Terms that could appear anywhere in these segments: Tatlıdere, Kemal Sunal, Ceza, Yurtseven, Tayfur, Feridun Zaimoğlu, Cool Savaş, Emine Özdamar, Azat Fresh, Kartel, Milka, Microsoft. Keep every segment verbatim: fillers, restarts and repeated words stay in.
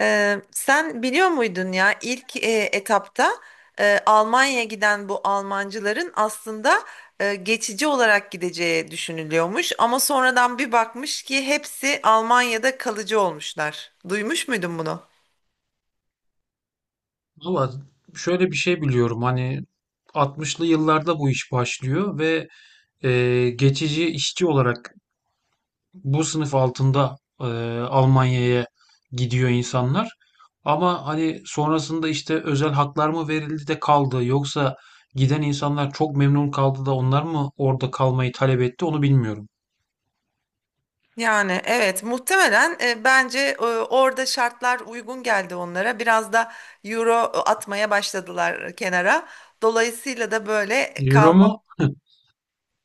Ee, sen biliyor muydun ya ilk e, etapta e, Almanya'ya giden bu Almancıların aslında e, geçici olarak gideceği düşünülüyormuş ama sonradan bir bakmış ki hepsi Almanya'da kalıcı olmuşlar. Duymuş muydun bunu? Valla şöyle bir şey biliyorum hani altmışlı yıllarda bu iş başlıyor ve e, geçici işçi olarak bu sınıf altında e, Almanya'ya gidiyor insanlar. Ama hani sonrasında işte özel haklar mı verildi de kaldı yoksa giden insanlar çok memnun kaldı da onlar mı orada kalmayı talep etti onu bilmiyorum. Yani evet, muhtemelen e, bence e, orada şartlar uygun geldi onlara. Biraz da euro atmaya başladılar kenara. Dolayısıyla da böyle Euro kalma. mu?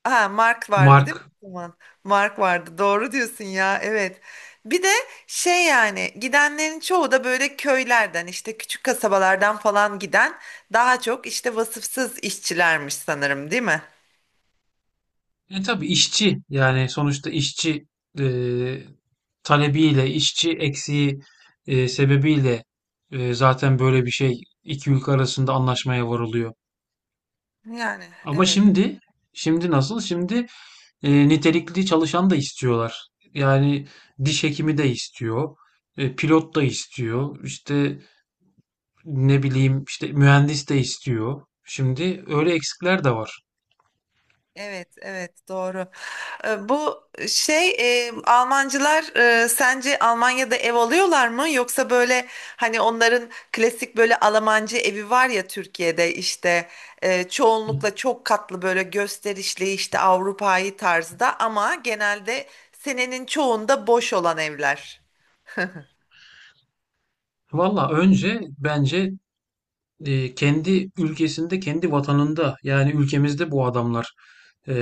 Ha, Mark vardı değil mi Mark. o zaman? Mark vardı. Doğru diyorsun ya. Evet. Bir de şey, yani gidenlerin çoğu da böyle köylerden, işte küçük kasabalardan falan giden daha çok işte vasıfsız işçilermiş sanırım, değil mi? E tabii işçi yani sonuçta işçi e, talebiyle, işçi eksiği e, sebebiyle e, zaten böyle bir şey iki ülke arasında anlaşmaya varılıyor. Yani Ama evet. şimdi, şimdi nasıl? Şimdi e, nitelikli çalışan da istiyorlar. Yani diş hekimi de istiyor, e, pilot da istiyor, işte ne bileyim işte mühendis de istiyor. Şimdi öyle eksikler de var. Evet, evet doğru. Ee, Bu şey, e, Almancılar e, sence Almanya'da ev alıyorlar mı? Yoksa böyle hani onların klasik böyle Almancı evi var ya Türkiye'de, işte e, çoğunlukla çok katlı böyle gösterişli işte Avrupa'yı tarzda ama genelde senenin çoğunda boş olan evler. Valla önce bence e, kendi ülkesinde, kendi vatanında yani ülkemizde bu adamlar e,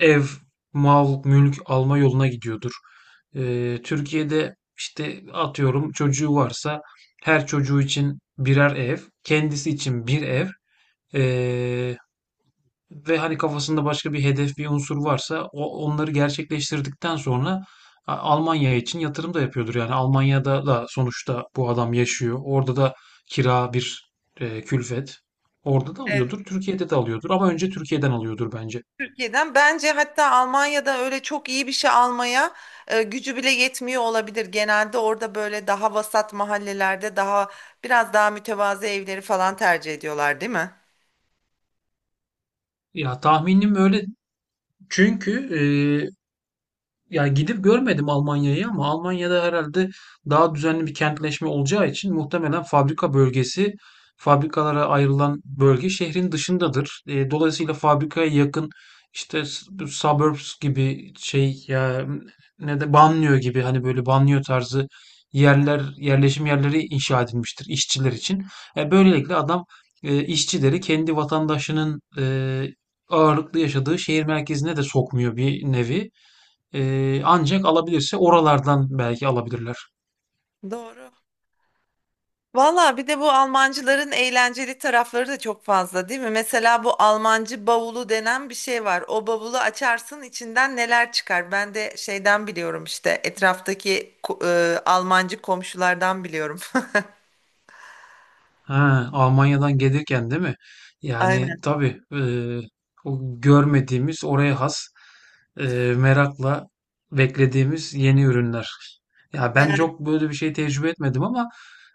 ev, mal, mülk alma yoluna gidiyordur. E, Türkiye'de işte atıyorum çocuğu varsa her çocuğu için birer ev, kendisi için bir ev. E, Ve hani kafasında başka bir hedef, bir unsur varsa o, onları gerçekleştirdikten sonra A- Almanya için yatırım da yapıyordur. Yani Almanya'da da sonuçta bu adam yaşıyor. Orada da kira bir e, külfet. Orada da alıyordur, Türkiye'de de alıyordur ama önce Türkiye'den alıyordur bence. Türkiye'den bence, hatta Almanya'da öyle çok iyi bir şey almaya e, gücü bile yetmiyor olabilir. Genelde orada böyle daha vasat mahallelerde daha biraz daha mütevazı evleri falan tercih ediyorlar, değil mi? Ya tahminim öyle çünkü e, ya gidip görmedim Almanya'yı ama Almanya'da herhalde daha düzenli bir kentleşme olacağı için muhtemelen fabrika bölgesi, fabrikalara ayrılan bölge şehrin dışındadır. E, dolayısıyla fabrikaya yakın işte s- bu suburbs gibi şey ya ne de banliyö gibi hani böyle banliyö tarzı Aha. yerler, yerleşim yerleri inşa edilmiştir işçiler için. E, böylelikle adam e, işçileri kendi vatandaşının e, ağırlıklı yaşadığı şehir merkezine de sokmuyor bir nevi. Ee, ancak alabilirse oralardan belki alabilirler. Doğru. Valla, bir de bu Almancıların eğlenceli tarafları da çok fazla değil mi? Mesela bu Almancı bavulu denen bir şey var. O bavulu açarsın, içinden neler çıkar? Ben de şeyden biliyorum, işte etraftaki ko- e, Almancı komşulardan biliyorum. Ha, Almanya'dan gelirken değil mi? Yani Aynen. tabii eee, o görmediğimiz oraya has eee, merakla beklediğimiz yeni ürünler. Ya ben Yani çok böyle bir şey tecrübe etmedim ama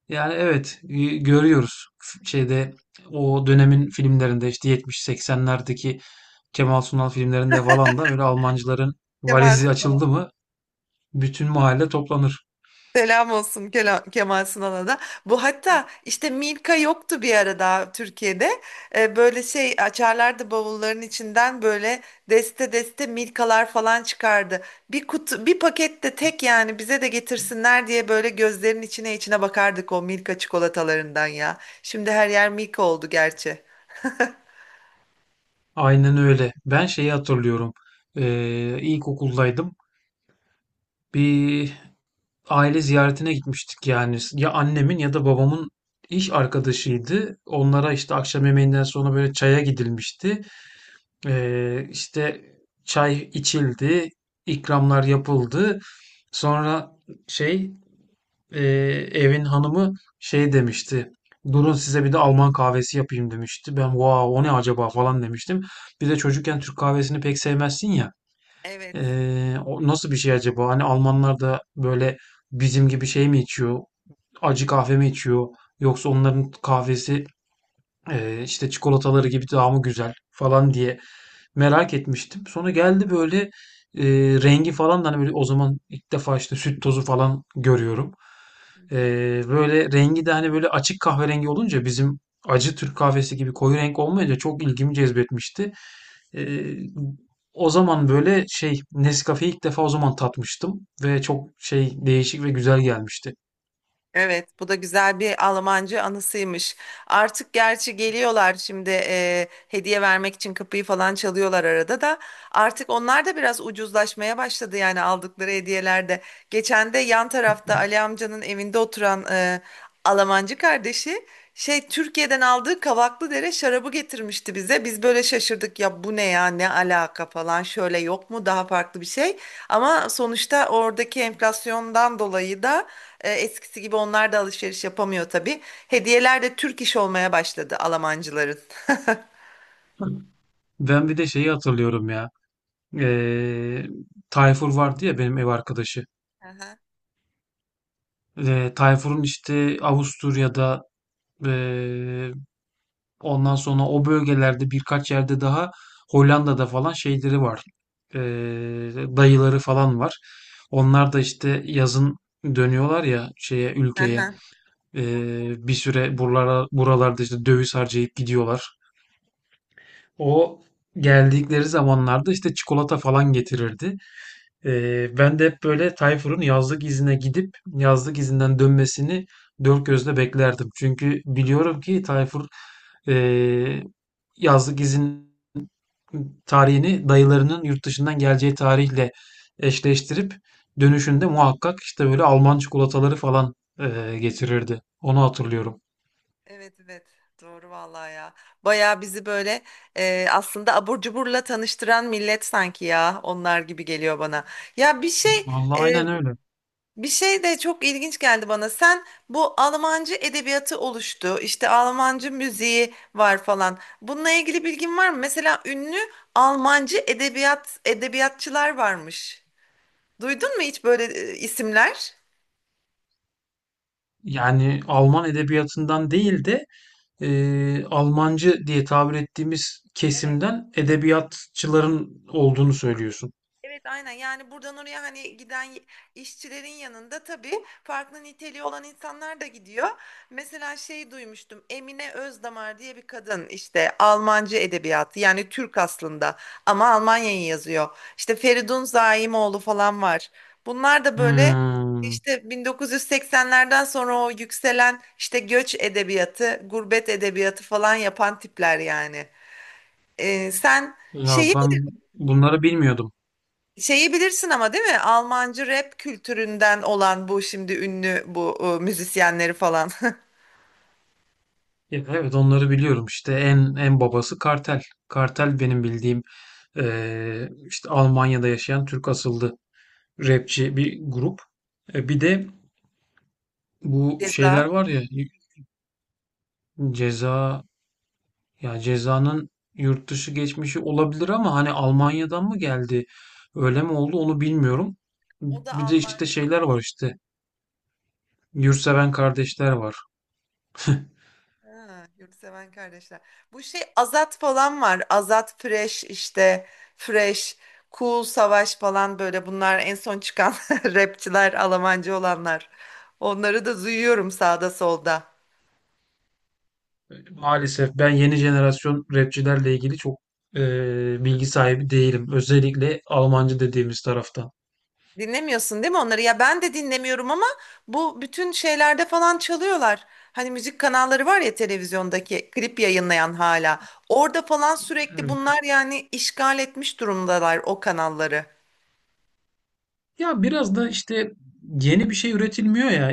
yani evet y- görüyoruz F- şeyde o dönemin filmlerinde işte yetmiş seksenlerdeki Kemal Sunal filmlerinde falan da böyle Almancıların Kemal valizi açıldı mı bütün mahalle toplanır. Selam olsun Kela- Kemal Sunal'a da. Bu hatta, işte Milka yoktu bir ara daha Türkiye'de. Ee, böyle şey açarlardı, bavulların içinden böyle deste deste Milkalar falan çıkardı. Bir kutu bir pakette tek, yani bize de getirsinler diye böyle gözlerin içine içine bakardık o Milka çikolatalarından ya. Şimdi her yer Milka oldu gerçi. Aynen öyle. Ben şeyi hatırlıyorum. Ee, ilkokuldaydım. Bir aile ziyaretine gitmiştik yani. Ya annemin ya da babamın iş arkadaşıydı. Onlara işte akşam yemeğinden sonra böyle çaya gidilmişti. Ee, işte çay içildi, ikramlar yapıldı. Sonra şey. Ee, Evin hanımı şey demişti. Durun size bir de Alman kahvesi yapayım demişti. Ben wow, o ne acaba falan demiştim. Bir de çocukken Türk kahvesini pek sevmezsin ya. Evet. Ee, o nasıl bir şey acaba? Hani Almanlar da böyle bizim gibi şey mi içiyor? Acı kahve mi içiyor? Yoksa onların kahvesi e, işte çikolataları gibi daha mı güzel falan diye merak etmiştim. Sonra geldi böyle e, rengi falan da hani böyle o zaman ilk defa işte süt tozu falan görüyorum. Hı hı. Ee, böyle rengi de hani böyle açık kahverengi olunca bizim acı Türk kahvesi gibi koyu renk olmayınca çok ilgimi cezbetmişti. Ee, O zaman böyle şey Nescafe'yi ilk defa o zaman tatmıştım ve çok şey değişik ve güzel gelmişti. Evet, bu da güzel bir Almancı anısıymış. Artık gerçi geliyorlar şimdi e, hediye vermek için kapıyı falan çalıyorlar arada da. Artık onlar da biraz ucuzlaşmaya başladı yani, aldıkları hediyelerde. Geçen de yan tarafta Ali amcanın evinde oturan e, Almancı kardeşi şey, Türkiye'den aldığı Tatlıdere şarabı getirmişti bize. Biz böyle şaşırdık ya, bu ne ya, ne alaka falan, şöyle yok mu daha farklı bir şey. Ama sonuçta oradaki enflasyondan dolayı da e, eskisi gibi onlar da alışveriş yapamıyor tabii. Hediyeler de Türk iş olmaya başladı Almancıların. Ben bir de şeyi hatırlıyorum ya. Ee, Tayfur vardı ya benim ev arkadaşı. Aha, Ee, Tayfur'un işte Avusturya'da, ee, ondan sonra o bölgelerde birkaç yerde daha Hollanda'da falan şeyleri var. Ee, Dayıları falan var. Onlar da işte yazın dönüyorlar ya şeye ülkeye. aha. Ee, bir süre buralara, buralarda işte döviz harcayıp gidiyorlar. O geldikleri zamanlarda işte çikolata falan getirirdi. Ee, ben de hep böyle Tayfur'un yazlık izine gidip yazlık izinden dönmesini dört gözle beklerdim. Çünkü biliyorum ki Tayfur ee, yazlık izin tarihini dayılarının yurt dışından geleceği tarihle eşleştirip dönüşünde muhakkak işte böyle Alman çikolataları falan ee, getirirdi. Onu hatırlıyorum. Evet, evet doğru vallahi ya. Bayağı bizi böyle e, aslında abur cuburla tanıştıran millet sanki ya, onlar gibi geliyor bana. Ya bir şey Vallahi aynen e, öyle. Bir şey de çok ilginç geldi bana. Sen bu Almancı edebiyatı oluştu, işte Almancı müziği var falan. Bununla ilgili bilgin var mı? Mesela ünlü Almancı edebiyat edebiyatçılar varmış. Duydun mu hiç böyle e, isimler? Yani Alman edebiyatından değil de e, Almancı diye tabir ettiğimiz kesimden edebiyatçıların olduğunu söylüyorsun. Evet, aynen yani buradan oraya hani giden y- işçilerin yanında tabii farklı niteliği olan insanlar da gidiyor. Mesela şey, duymuştum Emine Özdamar diye bir kadın, işte Almancı edebiyatı, yani Türk aslında ama Almanya'yı yazıyor. İşte Feridun Zaimoğlu falan var. Bunlar da böyle Hmm. işte bin dokuz yüz seksenlerden sonra o yükselen işte göç edebiyatı, gurbet edebiyatı falan yapan tipler yani. Ee, sen Ya şeyi ben bunları bilmiyordum. Şeyi bilirsin ama değil mi? Almancı rap kültüründen olan bu şimdi ünlü bu e, müzisyenleri falan. Ya evet, onları biliyorum. İşte en en babası Kartel. Kartel benim bildiğim eee, işte Almanya'da yaşayan Türk asıllı rapçi bir grup. E, bir de bu Ceza. şeyler var ya, Ceza. Ya cezanın yurt dışı geçmişi olabilir ama hani Almanya'dan mı geldi? Öyle Evet. mi oldu onu bilmiyorum. O da Bir de Alman. işte şeyler var işte. Yurtseven kardeşler var. Ha, Yurtseven Kardeşler. Bu şey Azat falan var. Azat Fresh işte. Fresh. Cool Savaş falan, böyle bunlar en son çıkan rapçiler, Almancı olanlar. Onları da duyuyorum sağda solda. Maalesef ben yeni jenerasyon rapçilerle ilgili çok eee, bilgi sahibi değilim. Özellikle Almancı dediğimiz taraftan. Dinlemiyorsun değil mi onları? Ya ben de dinlemiyorum ama bu bütün şeylerde falan çalıyorlar. Hani müzik kanalları var ya, televizyondaki klip yayınlayan hala. Orada falan sürekli Evet. bunlar yani işgal etmiş durumdalar o kanalları. Ya biraz da işte yeni bir şey üretilmiyor ya.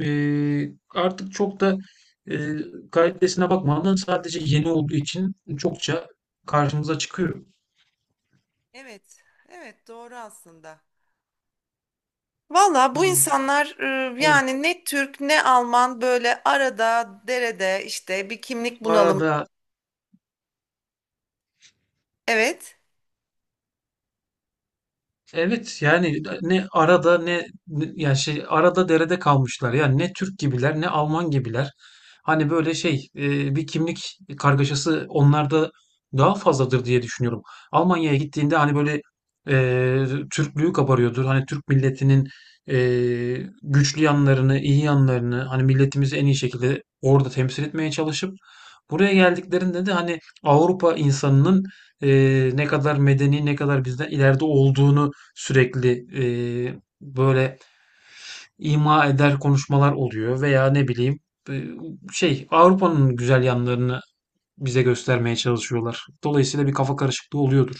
Eee, artık çok da eee, kalitesine bakmadan sadece yeni olduğu için çokça karşımıza çıkıyor. Evet, evet doğru aslında. Valla bu Hmm. insanlar e, Evet. yani ne Türk ne Alman, böyle arada derede işte bir kimlik bunalımı. Arada. Evet. Evet yani e, ne arada ne, ne- yani şey arada derede kalmışlar. Yani ne Türk gibiler ne Alman gibiler. Hani böyle şey e, bir kimlik kargaşası onlarda daha fazladır diye düşünüyorum. Almanya'ya gittiğinde hani böyle e, Türklüğü kabarıyordur. Hani Türk milletinin e, güçlü yanlarını, iyi yanlarını hani milletimizi en iyi şekilde orada temsil etmeye çalışıp buraya geldiklerinde de hani Avrupa insanının e, ne kadar medeni, ne kadar bizden ileride olduğunu sürekli eee, böyle ima eder konuşmalar oluyor veya ne bileyim e, şey Avrupa'nın güzel yanlarını bize göstermeye çalışıyorlar. Dolayısıyla bir kafa karışıklığı oluyordur.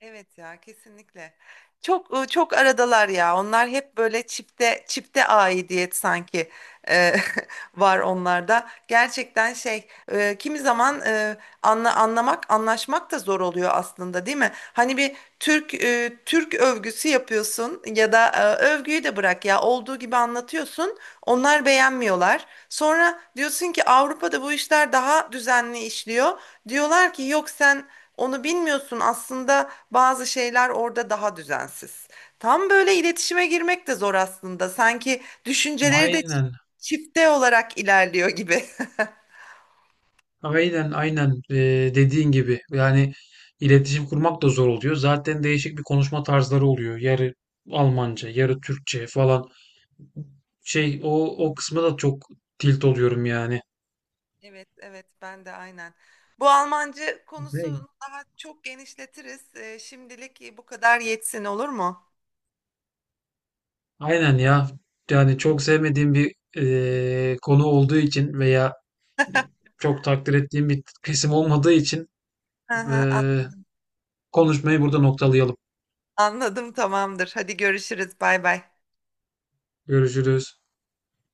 Evet ya, kesinlikle. Çok e, çok aradalar ya. Onlar hep böyle çipte çipte aidiyet sanki e, var onlarda. Gerçekten şey, e, kimi zaman e, anla, anlamak, anlaşmak da zor oluyor aslında değil mi? Hani bir Türk e, Türk övgüsü yapıyorsun ya da e, övgüyü de bırak ya, olduğu gibi anlatıyorsun. Onlar beğenmiyorlar. Sonra diyorsun ki Avrupa'da bu işler daha düzenli işliyor. Diyorlar ki yok sen onu bilmiyorsun, aslında bazı şeyler orada daha düzensiz. Tam böyle iletişime girmek de zor aslında. Sanki düşünceleri de çi- Aynen, çifte olarak ilerliyor gibi. aynen, aynen. Ee, dediğin gibi yani iletişim kurmak da zor oluyor. Zaten değişik bir konuşma tarzları oluyor. Yarı Almanca, yarı Türkçe falan. Şey, o o kısma da çok tilt oluyorum yani. Evet, evet ben de aynen. Bu Almancı Ne? konusunu daha çok genişletiriz. Ee, şimdilik e, bu kadar yetsin, olur mu? Aynen ya. Yani çok sevmediğim bir eee, konu olduğu için veya çok takdir ettiğim bir kesim olmadığı için Hı hı, an- eee, konuşmayı burada noktalayalım. Anladım, tamamdır. Hadi görüşürüz. Bay bay. Görüşürüz.